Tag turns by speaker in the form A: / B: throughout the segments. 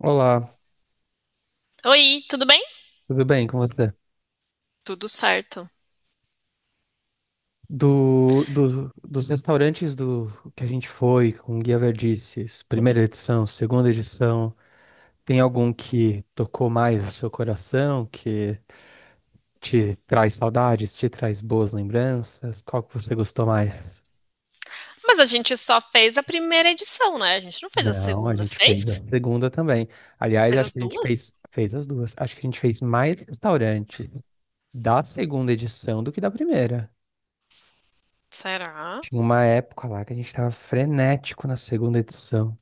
A: Olá,
B: Oi, tudo bem?
A: tudo bem com você?
B: Tudo certo.
A: Dos restaurantes do que a gente foi com Guia Verdices, primeira edição, segunda edição, tem algum que tocou mais o seu coração, que te traz saudades, te traz boas lembranças? Qual que você gostou mais?
B: Mas a gente só fez a primeira edição, né? A gente não fez a
A: Não, a
B: segunda,
A: gente fez a
B: fez?
A: segunda também. Aliás,
B: Fez
A: acho
B: as
A: que a gente
B: duas?
A: fez as duas. Acho que a gente fez mais restaurante da segunda edição do que da primeira.
B: Será?
A: Tinha uma época lá que a gente tava frenético na segunda edição.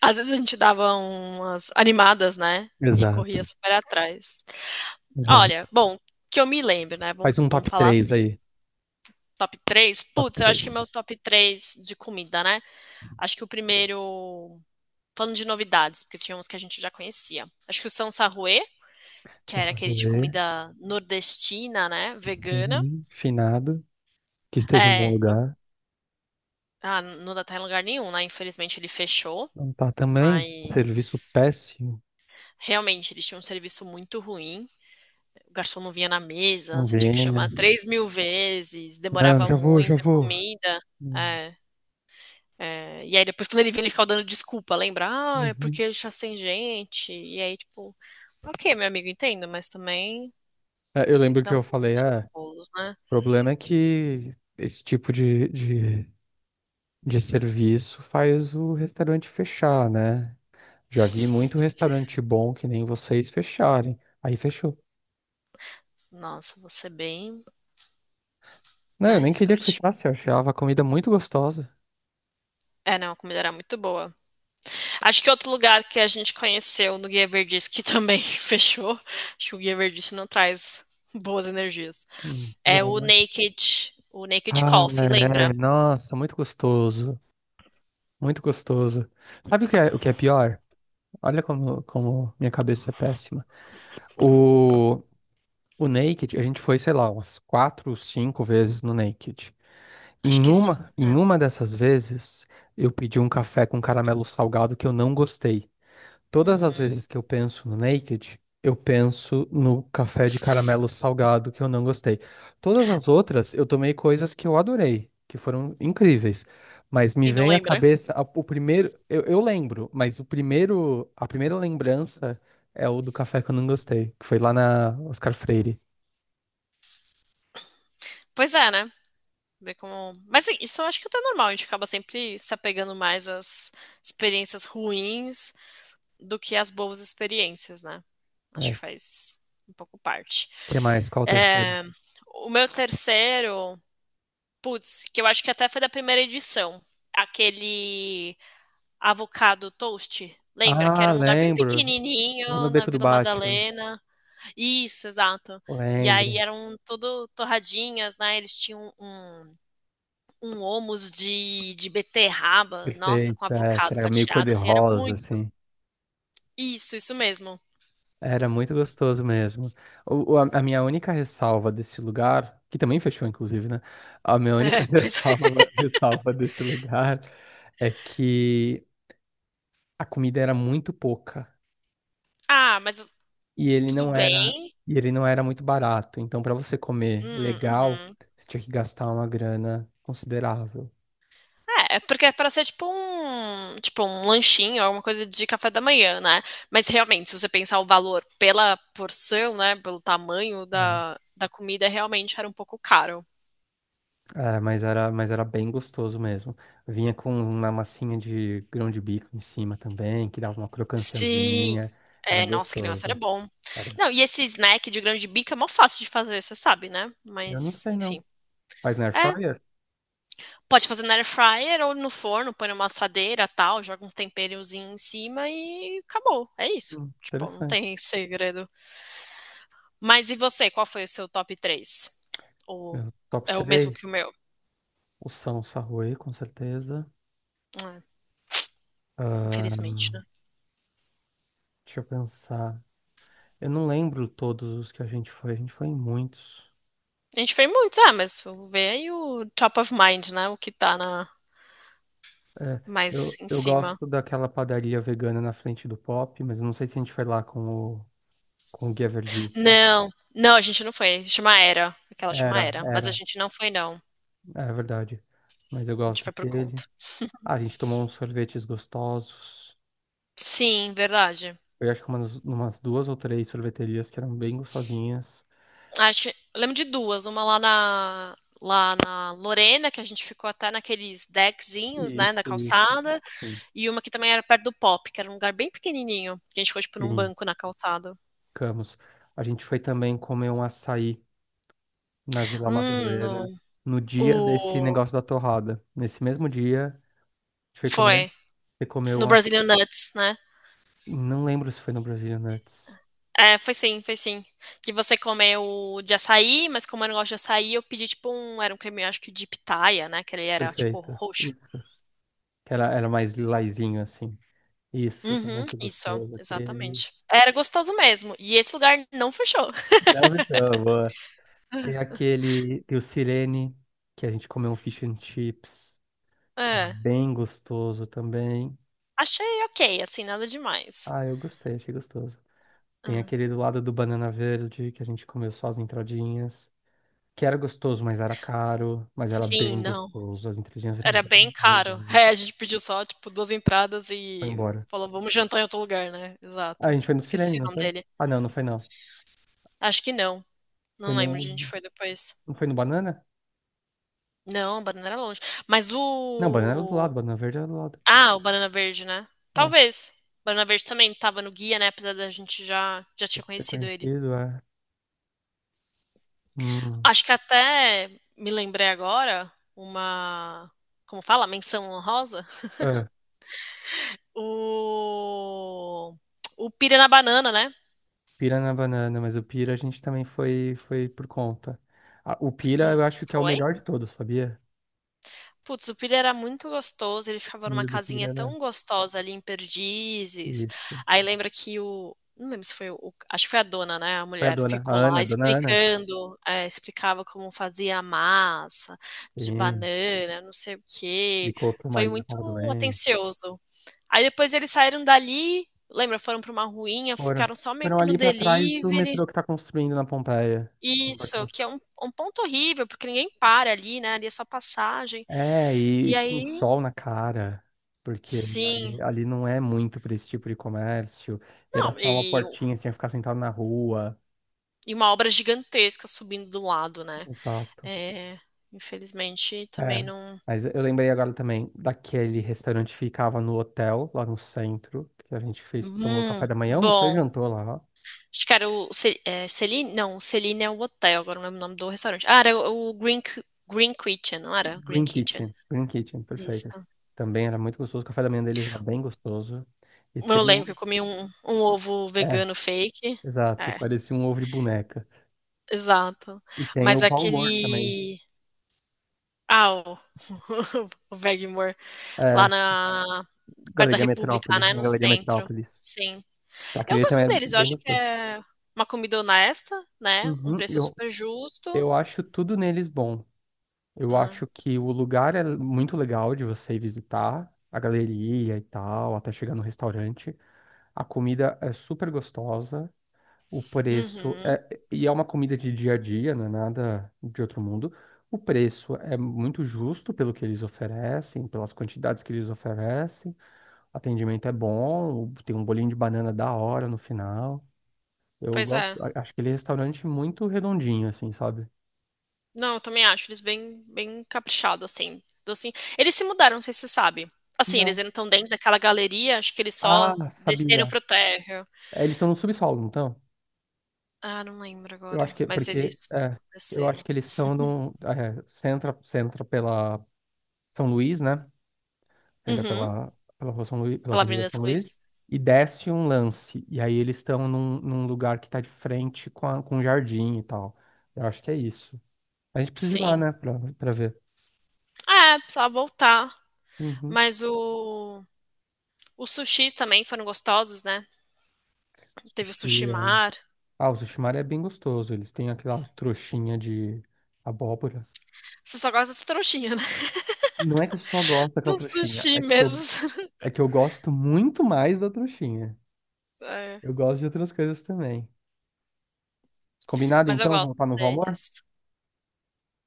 B: Às vezes a gente dava umas animadas, né? E
A: Exato,
B: corria super atrás. Olha,
A: exato.
B: bom, que eu me lembro, né? Vamos,
A: Faz um
B: vamos
A: top
B: falar
A: 3
B: assim.
A: aí.
B: Top 3.
A: Top
B: Putz, eu
A: 3.
B: acho que meu top 3 de comida, né? Acho que o primeiro. Falando de novidades, porque tinha uns que a gente já conhecia. Acho que o São Sarruê, que
A: São
B: era aquele de
A: Carolê,
B: comida nordestina, né? Vegana.
A: sem finado, que esteja em bom
B: É,
A: lugar.
B: ah, não dá, tá em lugar nenhum, né? Infelizmente ele fechou,
A: Não tá também. Serviço
B: mas
A: péssimo.
B: realmente eles tinham um serviço muito ruim. O garçom não vinha na mesa,
A: Não
B: você tinha que chamar
A: venha.
B: 3.000 vezes,
A: Não,
B: demorava
A: já vou, já
B: muito a
A: vou.
B: comida.
A: Hum,
B: É, é. E aí depois quando ele vinha, ele ficava dando desculpa, lembra? Ah, é
A: uhum.
B: porque já tem gente. E aí, tipo, ok, meu amigo, entendo, mas também
A: É, eu
B: tem
A: lembro
B: que
A: que
B: dar um
A: eu
B: pouco
A: falei,
B: dos
A: ah,
B: seus pulos, né?
A: o problema é que esse tipo de serviço faz o restaurante fechar, né? Já vi muito restaurante bom que nem vocês fecharem. Aí fechou.
B: Nossa, você é bem,
A: Não, eu
B: né,
A: nem queria que
B: escrotinho.
A: fechasse, eu achava a comida muito gostosa.
B: É, não, a comida era muito boa. Acho que outro lugar que a gente conheceu no Guia Verdice, que também fechou, acho que o Guia Verdice não traz boas energias, é
A: Bom, né?
B: O Naked
A: Ah,
B: Coffee,
A: é,
B: lembra?
A: nossa, muito gostoso, muito gostoso. Sabe o que é pior? Olha como minha cabeça é péssima. O, o Naked, a gente foi, sei lá, umas quatro, cinco vezes no Naked.
B: Acho
A: Em
B: que
A: uma,
B: sim.
A: em
B: É.
A: uma dessas vezes, eu pedi um café com caramelo salgado que eu não gostei. Todas as
B: Uhum.
A: vezes que eu penso no Naked, eu penso no café de caramelo salgado que eu não gostei. Todas as outras, eu tomei coisas que eu adorei, que foram incríveis. Mas me
B: E não
A: vem à
B: lembra?
A: cabeça a- o primeiro, eu lembro, mas o primeiro, a primeira lembrança é o do café que eu não gostei, que foi lá na Oscar Freire.
B: Pois é, né? Ver como... Mas isso eu acho que até é até normal, a gente acaba sempre se apegando mais às experiências ruins do que às boas experiências, né?
A: É.
B: Acho que
A: O
B: faz um pouco parte.
A: Que mais? Qual o terceiro?
B: É, o meu terceiro. Putz, que eu acho que até foi da primeira edição. Aquele avocado toast. Lembra que
A: Ah,
B: era um lugar bem
A: lembro. Lá no
B: pequenininho na
A: Beco do
B: Vila
A: Batman.
B: Madalena? Isso, exato. E aí
A: Lembro.
B: eram tudo torradinhas, né? Eles tinham um homus de beterraba, nossa, com
A: Perfeito. É, que
B: avocado
A: era meio
B: fatiado, assim, era
A: cor-de-rosa,
B: muito
A: assim.
B: gostoso. Isso mesmo.
A: Era muito gostoso mesmo. A minha única ressalva desse lugar, que também fechou, inclusive, né? A minha única
B: É, pois é.
A: ressalva desse lugar é que a comida era muito pouca
B: Ah, mas
A: e ele
B: tudo
A: não era,
B: bem?
A: e ele não era muito barato. Então, para você comer
B: Hum,
A: legal,
B: uhum.
A: você tinha que gastar uma grana considerável.
B: É, é porque é para ser tipo um, lanchinho, alguma coisa de café da manhã, né? Mas realmente, se você pensar o valor pela porção, né, pelo tamanho
A: É,
B: da comida, realmente era um pouco caro.
A: mas era bem gostoso mesmo. Vinha com uma massinha de grão de bico em cima também, que dava uma
B: Sim.
A: crocânciazinha. Era
B: É, nossa, que negócio era
A: gostoso.
B: bom.
A: Cara,
B: Não, e esse snack de grão de bico é mó fácil de fazer, você sabe, né?
A: eu não
B: Mas,
A: sei não.
B: enfim.
A: Mas na Air
B: É,
A: Fryer?
B: pode fazer na air fryer ou no forno, põe numa assadeira, tal, joga uns temperozinhos em cima e acabou. É isso. Tipo, não
A: Interessante.
B: tem segredo. Mas e você, qual foi o seu top 3? Ou
A: Meu, top
B: é o mesmo
A: 3.
B: que o meu?
A: O São Sarui, com certeza.
B: Ah,
A: Ahn,
B: infelizmente, né?
A: deixa eu pensar. Eu não lembro todos os que a gente foi em muitos.
B: A gente fez muitos, ah, mas vou ver aí o top of mind, né? O que tá
A: É,
B: mais
A: eu,
B: em
A: eu
B: cima.
A: gosto daquela padaria vegana na frente do Pop, mas eu não sei se a gente foi lá o, com o Guia Verdice.
B: Não, não, a gente não foi. Chama Era, aquela chama
A: Era,
B: Era. Mas a
A: era,
B: gente não foi, não.
A: é verdade. Mas eu
B: A gente
A: gosto
B: foi por
A: daquele.
B: conta.
A: Ah, a gente tomou uns sorvetes gostosos.
B: Sim, verdade.
A: Eu acho que umas duas ou três sorveterias que eram bem gostosinhas.
B: Acho que, eu lembro de duas, uma lá na Lorena, que a gente ficou até naqueles deckzinhos, né,
A: Isso,
B: na
A: isso.
B: calçada.
A: Sim,
B: E uma que também era perto do Pop, que era um lugar bem pequenininho. Que a gente foi, tipo, num
A: sim,
B: banco na calçada.
A: ficamos. A gente foi também comer um açaí na Vila Madalena
B: No,
A: no dia desse
B: o.
A: negócio da torrada. Nesse mesmo dia, a gente foi comer.
B: Foi.
A: Você comeu
B: No
A: uma.
B: Brazilian Nuts, né?
A: Não lembro se foi no Brasil Nuts.
B: É, foi sim, foi sim. Que você comeu de açaí, mas como eu não gosto de açaí, eu pedi, tipo, um. Era um creme, acho que de pitaia, né? Que ele era, tipo,
A: Perfeito.
B: roxo.
A: Isso. Era mais lilazinho assim. Isso, também
B: Uhum,
A: foi
B: isso,
A: gostoso. Aquele.
B: exatamente. Era gostoso mesmo. E esse lugar não fechou.
A: Não me boa. Tem aquele. Tem o Sirene, que a gente comeu um fish and chips, que era
B: É,
A: bem gostoso também.
B: achei ok, assim, nada demais.
A: Ah, eu gostei, achei gostoso. Tem
B: Ah,
A: aquele do lado do Banana Verde, que a gente comeu só as entradinhas, que era gostoso, mas era caro, mas era
B: sim,
A: bem
B: não.
A: gostoso. As entradinhas eram
B: Era
A: bem,
B: bem
A: bem,
B: caro.
A: bem.
B: É, a gente pediu só, tipo, duas entradas
A: Foi
B: e
A: embora.
B: falou, vamos jantar em outro lugar, né?
A: Ah, a
B: Exato.
A: gente foi no Sirene,
B: Esqueci o
A: não
B: nome
A: foi?
B: dele.
A: Ah, não, não foi não.
B: Acho que não.
A: Foi
B: Não lembro onde
A: no...
B: a gente foi depois.
A: Não foi no Banana?
B: Não, o banana era longe. Mas
A: Não, Banana era do lado,
B: o.
A: Banana Verde era do lado.
B: Ah, o banana verde, né?
A: É,
B: Talvez. O banana verde também tava no guia, né? Apesar da gente já tinha
A: deve ter
B: conhecido ele.
A: conhecido, é. Hum.
B: Acho que até me lembrei agora uma. Como fala? Menção honrosa?
A: É,
B: O. O pira na banana, né?
A: Pira na Banana, mas o Pira a gente também foi, foi por conta. Ah, o Pira eu
B: Hum,
A: acho que é o
B: foi?
A: melhor de todos, sabia?
B: Putz, o Pilha era muito gostoso, ele
A: A
B: ficava numa
A: comida do Pira
B: casinha
A: era
B: tão gostosa ali em Perdizes.
A: isso.
B: Aí lembra que o. Não lembro se foi o. Acho que foi a dona, né? A
A: Foi a
B: mulher
A: dona, a
B: ficou lá
A: Ana, dona Ana.
B: explicando, é, explicava como fazia a massa de
A: Sim.
B: banana, não sei o quê.
A: Explicou que o
B: Foi
A: marido
B: muito
A: estava doente.
B: atencioso. Aí depois eles saíram dali, lembra? Foram para uma ruinha,
A: Foram,
B: ficaram só meio
A: foram
B: que no
A: ali pra trás do
B: delivery.
A: metrô que tá construindo na Pompeia. Foram pra
B: Isso, que é um ponto horrível, porque ninguém para ali, né? Ali é só passagem.
A: E
B: E
A: com
B: aí,
A: sol na cara, porque
B: sim,
A: ali não é muito pra esse tipo de comércio. Era
B: não,
A: só uma
B: e,
A: portinha, você tinha que ficar sentado na rua.
B: e uma obra gigantesca subindo do lado, né?
A: Exato.
B: É, infelizmente,
A: É.
B: também não.
A: Mas eu lembrei agora também daquele restaurante que ficava no hotel, lá no centro, que a gente fez, tomou café
B: Hum,
A: da manhã, almoçou e
B: bom.
A: jantou lá.
B: Acho que era o é, Celine? Não, o Celine é o hotel, agora não lembro o nome do restaurante. Ah, era o Green, Green Kitchen, não era? Green Kitchen.
A: Green Kitchen,
B: Isso.
A: perfeito. Também era muito gostoso, o café da manhã deles era bem gostoso. E
B: Eu
A: tem
B: lembro que eu
A: o.
B: comi um ovo
A: É,
B: vegano fake.
A: exato,
B: É,
A: parecia um ovo de boneca.
B: exato.
A: E tem
B: Mas
A: o Paulo Moore também,
B: aquele. Ah, o, o Bag More, lá
A: é,
B: na. Perto da República, né?
A: Na
B: No
A: Galeria
B: centro.
A: Metrópolis.
B: Sim. Eu
A: Aquele também
B: gosto
A: é
B: deles, eu
A: bem
B: acho que
A: gostoso.
B: é uma comida honesta, né? Um
A: Uhum,
B: preço
A: eu,
B: super justo,
A: eu acho tudo neles bom. Eu
B: né?
A: acho que o lugar é muito legal de você visitar, a galeria e tal, até chegar no restaurante. A comida é super gostosa. O preço
B: Uhum.
A: é, e é uma comida de dia a dia, não é nada de outro mundo. O preço é muito justo pelo que eles oferecem, pelas quantidades que eles oferecem. O atendimento é bom, tem um bolinho de banana da hora no final. Eu
B: Pois
A: gosto,
B: é.
A: a- acho que ele é restaurante muito redondinho, assim, sabe?
B: Não, eu também acho eles bem, bem caprichados, assim. Docinho. Eles se mudaram, não sei se você sabe. Assim, eles
A: Não.
B: ainda estão dentro daquela galeria, acho que eles
A: Ah,
B: só desceram
A: sabia.
B: pro térreo.
A: É, eles estão no subsolo, então.
B: Ah, não lembro
A: Eu acho
B: agora,
A: que,
B: mas eles
A: porque, é, eu acho
B: desceram.
A: que eles estão no, é, centra pela São Luís, né? Você entra
B: Uhum,
A: rua São Luís, pela
B: pela
A: Avenida
B: Avenida
A: São
B: São
A: Luís
B: Luís.
A: e desce um lance. E aí eles estão num lugar que tá de frente com, a, com um jardim e tal. Eu acho que é isso. A gente precisa ir lá,
B: Sim.
A: né, pra ver.
B: Ah, é, precisava voltar.
A: Uhum.
B: Mas o. Os sushis também foram gostosos, né? Teve o
A: Sushi.
B: sushi
A: É-
B: mar.
A: Ah, o sushi Maria é bem gostoso. Eles têm aquela trouxinha de abóbora.
B: Você só gosta dessa trouxinha, né?
A: Não é que eu só gosto
B: Do
A: daquela trouxinha,
B: sushi mesmo.
A: é que eu gosto muito mais da trouxinha.
B: É.
A: Eu gosto de outras coisas também. Combinado
B: Mas eu
A: então?
B: gosto
A: Vamos para Novo Valmor
B: deles.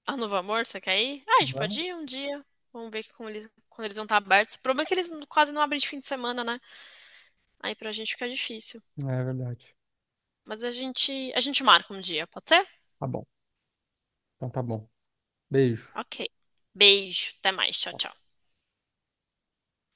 B: Ah, Novo Amor, você quer ir? Ah, a gente pode
A: Vamos.
B: ir um dia. Vamos ver como eles, quando eles vão estar abertos. O problema é que eles quase não abrem de fim de semana, né? Aí pra gente fica difícil.
A: É verdade.
B: Mas a gente marca um dia, pode ser?
A: Tá bom. Então tá bom. Beijo.
B: Ok. Beijo, até mais, tchau, tchau.